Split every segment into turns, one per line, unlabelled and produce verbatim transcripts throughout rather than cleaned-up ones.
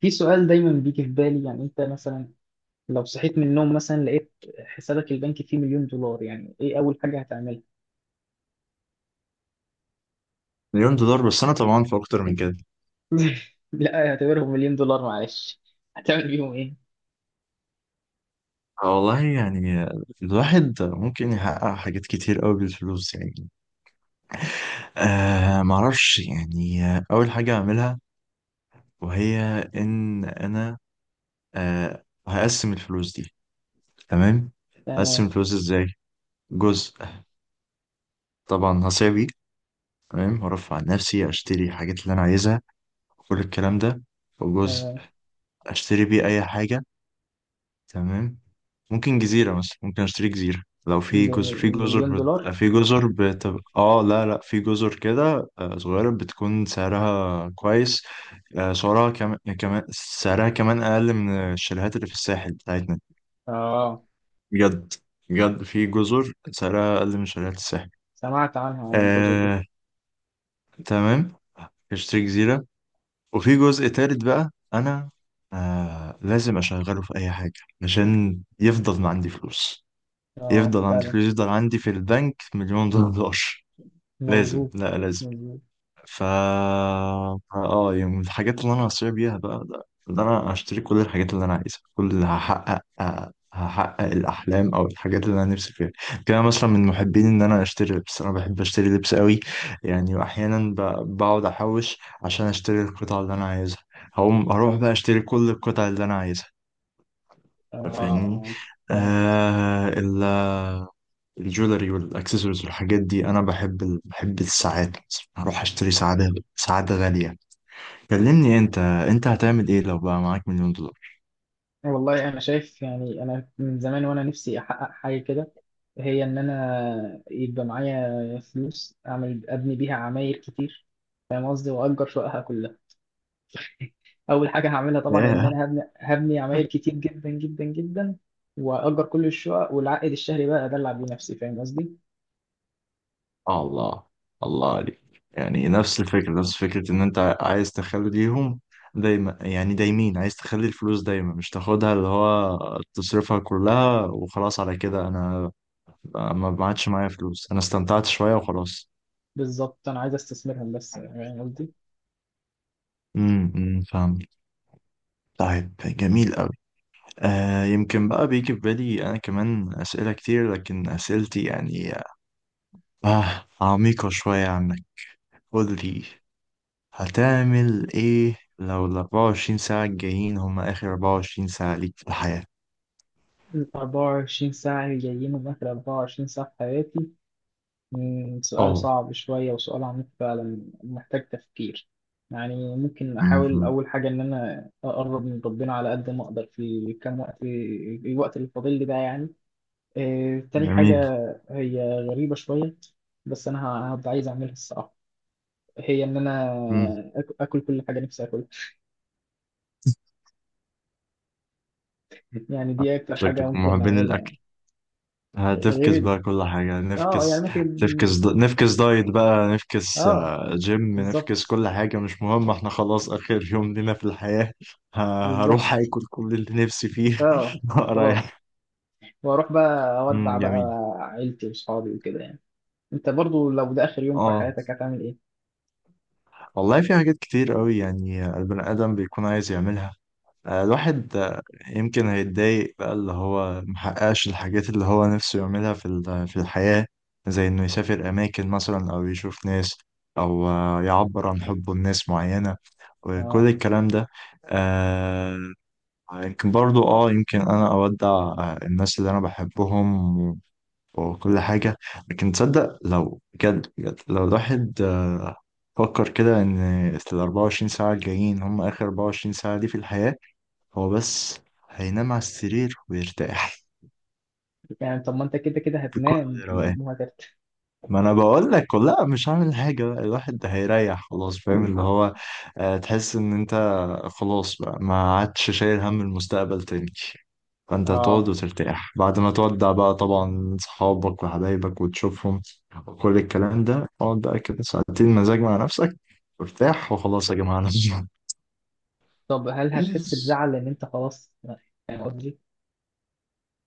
في سؤال دايما بيجي في بالي، يعني انت مثلا لو صحيت من النوم مثلا لقيت حسابك البنكي فيه مليون دولار، يعني ايه اول حاجة هتعملها؟
مليون دولار، بس انا طبعا في اكتر من كده.
لا اعتبرهم مليون دولار معلش. هتعمل بيهم ايه؟
آه والله يعني الواحد ممكن يحقق حاجات كتير قوي بالفلوس يعني. آه معرفش يعني، آه، اول حاجة اعملها وهي ان انا آه هقسم الفلوس دي. تمام، اقسم
تمام.
الفلوس ازاي؟ جزء طبعا هصيع بيه، تمام، هرفع عن نفسي، اشتري الحاجات اللي انا عايزها وكل الكلام ده. وجزء
تمام.
اشتري بيه اي حاجة، تمام، ممكن جزيرة مثلا، ممكن اشتري جزيرة، لو في
ده
جزر، في
م-
جزر
مليون دولار؟
بت... في جزر بتبقى، اه لا لا، في جزر كده آه، صغيرة بتكون سعرها كويس. آه، سعرها كمان، كمان سعرها كمان أقل من الشاليهات اللي في الساحل بتاعتنا،
اه.
بجد بجد، في جزر سعرها أقل من شاليهات الساحل.
سمعت عنها، عن الجزر دي.
آه... تمام، اشتري جزيرة. وفي جزء تالت بقى أنا، آه... لازم أشغله في أي حاجة عشان يفضل ما عندي فلوس،
اه
يفضل عندي
فعلا.
فلوس، يفضل عندي في البنك مليون دولار. لازم
مظبوط.
لا لازم.
مظبوط.
فا اه يعني من الحاجات اللي انا هصير بيها بقى، ده, ده انا هشتري كل الحاجات اللي انا عايزها، كل اللي هحقق هحقق الاحلام او الحاجات اللي انا نفسي فيها. كده مثلا من محبين ان انا اشتري لبس، انا بحب اشتري لبس قوي، يعني واحيانا ب- بقعد احوش عشان اشتري القطع اللي انا عايزها. هقوم اروح بقى اشتري كل القطع اللي انا عايزها،
اه.
فاهمني.
اه فعلا.
آه الجولري والاكسسوارز والحاجات دي، انا بحب ال... بحب الساعات، هروح اشتري ساعات، ساعات غالية. كلمني انت انت هتعمل ايه لو بقى معاك مليون دولار؟
والله انا شايف، يعني انا من زمان وانا نفسي احقق حاجه كده، هي ان انا يبقى معايا فلوس اعمل ابني بيها عماير كتير، فاهم قصدي، واجر شققها كلها. اول حاجه هعملها طبعا ان
ياه،
انا هبني هبني عماير كتير جدا جدا جدا، واجر كل الشقق والعائد الشهري بقى ادلع بيه نفسي، فاهم قصدي.
الله، الله عليك. يعني نفس الفكرة نفس فكرة ان انت عايز تخليهم دايما، يعني دايمين عايز تخلي الفلوس دايما، مش تاخدها، اللي هو تصرفها كلها وخلاص، على كده انا ما ما عادش معايا فلوس، انا استمتعت شوية وخلاص.
بالظبط انا عايز استثمرهم بس، فاهم قصدي.
امم أمم، فاهم. طيب جميل قوي. آه يمكن بقى بيجي في بالي أنا كمان أسئلة كتير، لكن أسئلتي يعني آه عميقة شوية عنك. قولي، هتعمل إيه لو ال أربعة وعشرين ساعة الجايين هما آخر أربعة وعشرين ساعة ليك في الحياة؟
ال أربعة وعشرين ساعه اللي جايين من اخر أربعة وعشرين ساعه في حياتي، مم، سؤال
أه.
صعب شوية وسؤال عميق فعلا محتاج تفكير. يعني ممكن أحاول
مهم.
أول حاجة إن أنا أقرب من ربنا على قد ما أقدر في كام وقت، الوقت اللي فاضل لي ده يعني. آه، تاني حاجة
جميل.
هي غريبة شوية، بس أنا ه- هبقى عايز أعملها الصراحة. هي إن أنا
مم.
آك- آكل كل حاجة نفسي آكلها. يعني دي أكتر حاجة
شكلك من
ممكن
محبين
أعملها يعني. غير
هتفكس
ال-
بقى كل حاجة،
آه يعني
نفكس،
ممكن.
تفكس د... نفكس دايت بقى، نفكس
آه
آه، جيم، نفكس
بالظبط.
كل حاجة، مش مهم، احنا خلاص آخر يوم لنا في الحياة. ه... هروح
بالظبط.
آكل كل اللي نفسي فيه
آه خلاص.
رايح.
واروح بقى
مم،
اودع بقى
جميل.
عيلتي واصحابي وكده يعني. انت برضو لو ده اخر يوم في
اه
حياتك هتعمل ايه؟
والله في حاجات كتير قوي يعني البني آدم بيكون عايز يعملها. آه، الواحد آه، يمكن هيتضايق بقى، اللي هو محققش الحاجات اللي هو نفسه يعملها في ال- في الحياة، زي إنه يسافر أماكن مثلا، أو يشوف ناس، أو آه، يعبر عن حبه لناس معينة وكل
اه.
الكلام ده. آه، يمكن برضو، اه يمكن أنا أودع آه، الناس اللي أنا بحبهم و- وكل حاجة. لكن تصدق لو بجد بجد، لو الواحد آه، فكر كده، إن الأربعة وعشرين ساعة الجايين هم آخر أربعة وعشرين ساعة دي في الحياة، هو بس هينام على السرير ويرتاح
يعني طب ما انت كده كده هتنام
بكل روقان.
وهترتاح.
ما انا بقول لك، لا مش هعمل حاجه بقى، الواحد ده هيريح خلاص، فاهم؟ اللي هو آه، تحس ان انت خلاص بقى ما عادش شايل هم المستقبل تاني. فانت هتقعد
اه.
وترتاح بعد ما تودع بقى طبعا صحابك وحبايبك وتشوفهم وكل الكلام ده، اقعد بقى كده ساعتين مزاج مع نفسك وارتاح، وخلاص يا جماعه
طب هل
انا
هتحس بزعل ان انت خلاص؟ يعني قصدي.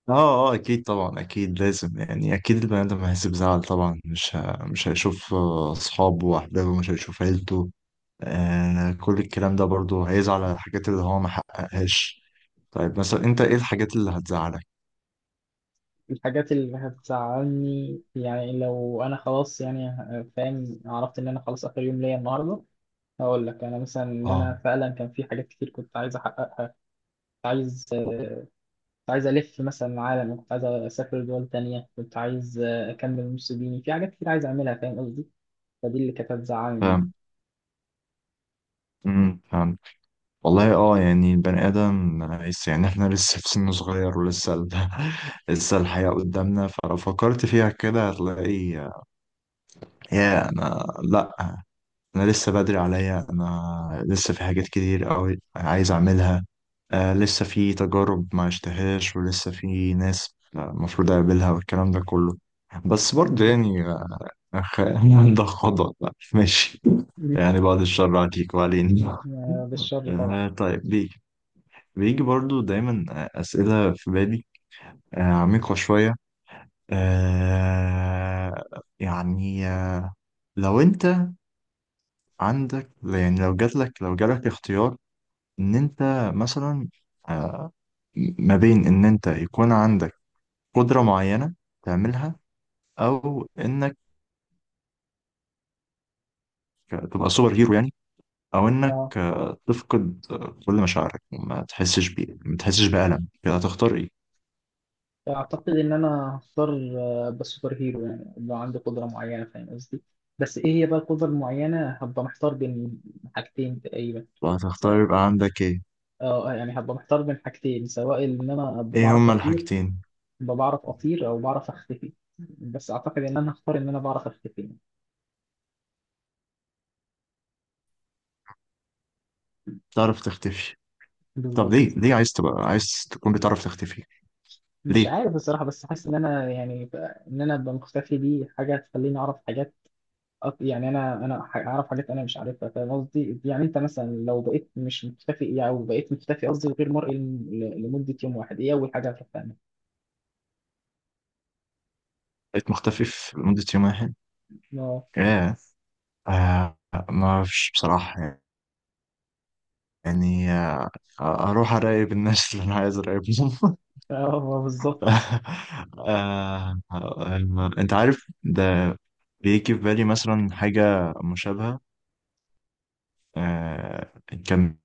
اه اه اكيد، طبعا اكيد، لازم يعني، اكيد البني ادم هيحس بزعل طبعا، مش ه... مش هيشوف آه، اصحابه واحبابه، مش هيشوف عيلته آه كل الكلام ده، برضه هيزعل على الحاجات اللي هو ما حققهاش. طيب مثلا انت ايه الحاجات اللي هتزعلك؟
الحاجات اللي هتزعلني، يعني لو انا خلاص، يعني ه- فاهم، عرفت ان انا خلاص اخر يوم ليا النهارده. هقول لك انا مثلا ان
اه،
انا فعلا كان في حاجات كتير كنت عايز احققها. كنت عايز كنت عايز ألف مثلا العالم، كنت عايز أسافر دول تانية، كنت عايز آه، أكمل نص ديني، في حاجات كتير عايز أعملها فاهم قصدي. فدي اللي كانت هتزعلني يعني.
فاهم. امم فاهم. والله اه يعني البني ادم لسه، يعني احنا لسه في سن صغير، ولسه ال... لسه الحياة قدامنا، فلو فكرت فيها كده هتلاقي، يا انا لا، انا لسه بدري عليا، انا لسه في حاجات كتير قوي عايز اعملها، آه لسه في تجارب ما اشتهاش، ولسه في ناس المفروض اقابلها والكلام ده كله. بس برضه
بالظبط.
يعني، آه، أخ... ده خضع بقى. ماشي، يعني
مش-
بعد الشر عليك
م-
وعلينا.
م- بالشر طبعا.
آه طيب بيجي، بيجي برضو دايما آه، أسئلة في بالي آه عميقة شوية، آه يعني آه، لو أنت عندك، يعني لو جاتلك لو جالك اختيار ان انت مثلا آه، ما بين ان انت يكون عندك قدرة معينة تعملها، او انك تبقى سوبر هيرو يعني، او انك
اه
آه، تفقد آه، كل مشاعرك، وما تحسش بيه ما تحسش بألم كده، هتختار ايه؟
اعتقد ان انا هختار آه، أبقى سوبر هيرو يعني، لو عندي قدره معينه فاهم قصدي. بس ايه هي بقى القدره المعينه؟ هبقى محتار بين حاجتين تقريبا. س-
هتختار يبقى عندك ايه؟
اه يعني هبقى محتار بين حاجتين، سواء ان انا ابقى
ايه
بعرف
هما
اطير
الحاجتين؟
ابقى بعرف اطير او بعرف اختفي. بس اعتقد ان انا هختار ان انا بعرف اختفي.
تعرف تختفي؟ طب ليه؟
بالظبط.
ليه عايز تبقى، عايز تكون بتعرف تختفي
مش
ليه؟
عارف الصراحة بس حاسس إن أنا يعني ب- إن أنا أبقى مختفي، دي حاجة تخليني أعرف حاجات. أك- يعني أنا أنا ح- أعرف حاجات أنا مش عارفها، فاهم قصدي؟ يعني أنت مثلا لو بقيت مش مختفي يعني، أو بقيت مختفي، قصدي غير مرئي، لم- ل- لمدة يوم واحد، إيه أول حاجة هتعملها؟
بقيت مختفي في لمدة يوم واحد
أه.
ايه؟ آه ما فيش بصراحة، يعني آه، اروح اراقب الناس اللي انا عايز اراقبهم
أه بالظبط.
آه، آه، انت عارف ده؟ بيجي في بالي مثلا حاجة مشابهة، آه، كان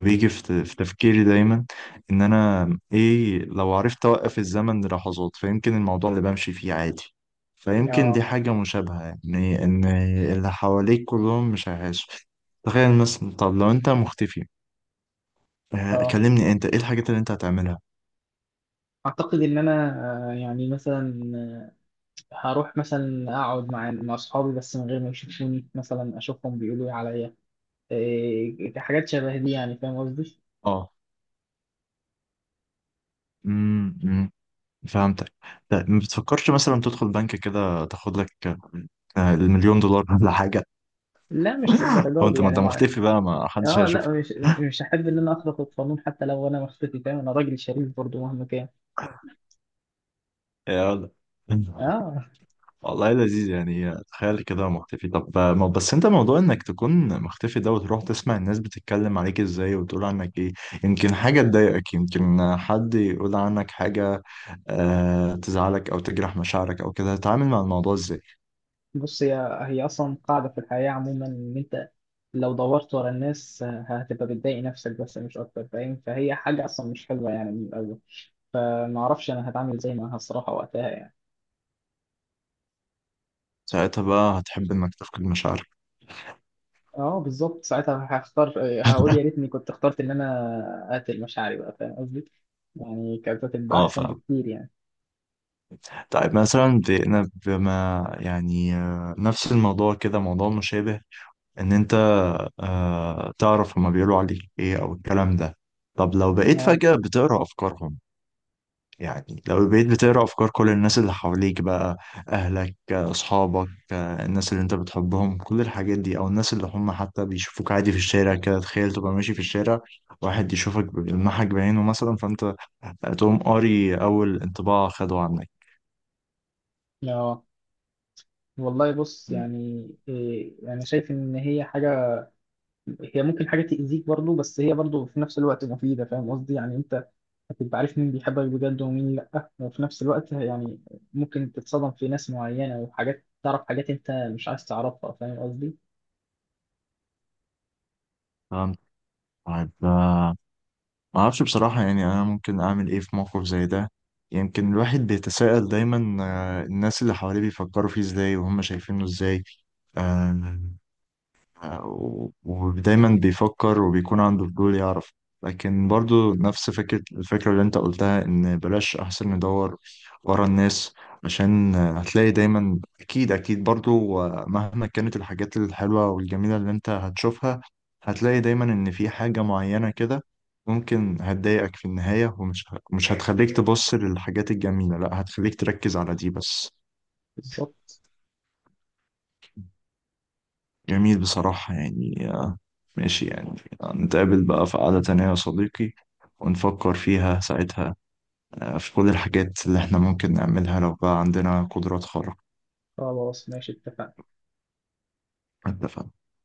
بيجي في في تفكيري دايما ان انا ايه لو عرفت اوقف الزمن للحظات؟ فيمكن الموضوع اللي بمشي فيه عادي، فيمكن دي
أه.
حاجة مشابهة، يعني ان اللي حواليك كلهم مش هيعيشوا. تخيل مثلا، طب لو انت مختفي آه،
أه
كلمني، انت ايه الحاجات اللي انت هتعملها؟
أعتقد إن أنا آه، يعني مثلا، آه، هروح مثلا أقعد مع مع أصحابي بس من غير ما يشوفوني، مثلا أشوفهم بيقولوا إيه عليا. إيه، حاجات شبه دي يعني فاهم قصدي؟
اه. امم أمم، فهمتك. لا ما بتفكرش مثلا تدخل بنك كده تاخد لك آه، المليون دولار ولا حاجه؟
لا مش
او
للدرجه دي
انت، ما انت
يعني مع...
مختفي بقى، ما حدش
اه
هيشوف.
لا مش مش هحب ان انا اخرق القانون، حتى لو انا مخطئتي فاهم، انا راجل شريف برضه مهما كان.
يا ولد
اه
والله لذيذ، يعني تخيل كده مختفي، طب ما- بس انت، موضوع انك تكون مختفي ده وتروح تسمع الناس بتتكلم عليك ازاي وتقول عنك ايه، يمكن حاجة تضايقك، يمكن حد يقول عنك حاجة آه تزعلك، او تجرح مشاعرك او كده. هتتعامل مع الموضوع ازاي؟
بص. هي هي اصلا قاعده في الحياه عموما، ان انت لو دورت ورا الناس، آه، هتبقى بتضايق نفسك بس مش اكتر فاهم. فهي حاجه اصلا مش حلوه يعني من الاول. فما اعرفش انا هتعامل زي معاها الصراحه وقتها يعني.
ساعتها بقى هتحب انك تفقد مشاعرك.
اه بالظبط ساعتها هختار. هقول يا ريتني كنت اخترت ان انا اقتل مشاعري بقى، فاهم قصدي، يعني كانت هتبقى احسن
اه
بكتير يعني.
طيب مثلا بن- بما يعني آه، نفس الموضوع كده، موضوع مشابه، ان انت آه، تعرف هما بيقولوا عليك ايه او الكلام ده. طب لو بقيت
اه.
فجأة بتقرأ افكارهم، يعني لو بقيت بتقرأ افكار كل الناس اللي حواليك بقى، اهلك، آه، اصحابك، آه، الناس اللي انت بتحبهم كل الحاجات دي، او الناس اللي هم حتى بيشوفوك عادي في الشارع كده. تخيل تبقى ماشي في الشارع، واحد يشوفك، بيلمحك بعينه مثلا، فانت تقوم قاري اول انطباع خده عنك.
اه والله بص. يعني إيه، يعني شايف ان هي حاجه، هي ممكن حاجه تاذيك برضو بس هي برضو في نفس الوقت مفيده، فاهم قصدي. يعني انت هتبقى عارف مين بيحبك بجد ومين لا، وفي نفس الوقت يعني ممكن تتصدم في ناس معينه، وحاجات تعرف حاجات انت مش عايز تعرفها، فاهم قصدي.
طيب آه، ما اعرفش بصراحة يعني انا ممكن اعمل ايه في موقف زي ده. يمكن الواحد بيتساءل دايما آه، الناس اللي حواليه بيفكروا فيه ازاي وهم شايفينه ازاي، آه، و- ودايما بيفكر وبيكون عنده فضول يعرف، لكن برضو نفس فكرة، الفكرة اللي انت قلتها، ان بلاش احسن ندور ورا الناس، عشان هتلاقي دايما، اكيد اكيد برضو، مهما كانت الحاجات الحلوة والجميلة اللي انت هتشوفها، هتلاقي دايما ان في حاجة معينة كده ممكن هتضايقك في النهاية، ومش مش هتخليك تبص للحاجات الجميلة، لا هتخليك تركز على دي بس.
بالظبط.
جميل بصراحة يعني، ماشي يعني، نتقابل بقى في قعدة تانية يا صديقي ونفكر فيها ساعتها آه، في كل الحاجات اللي احنا ممكن نعملها لو بقى عندنا قدرات خارقة.
خلاص ماشي اتفقنا.
اتفقنا.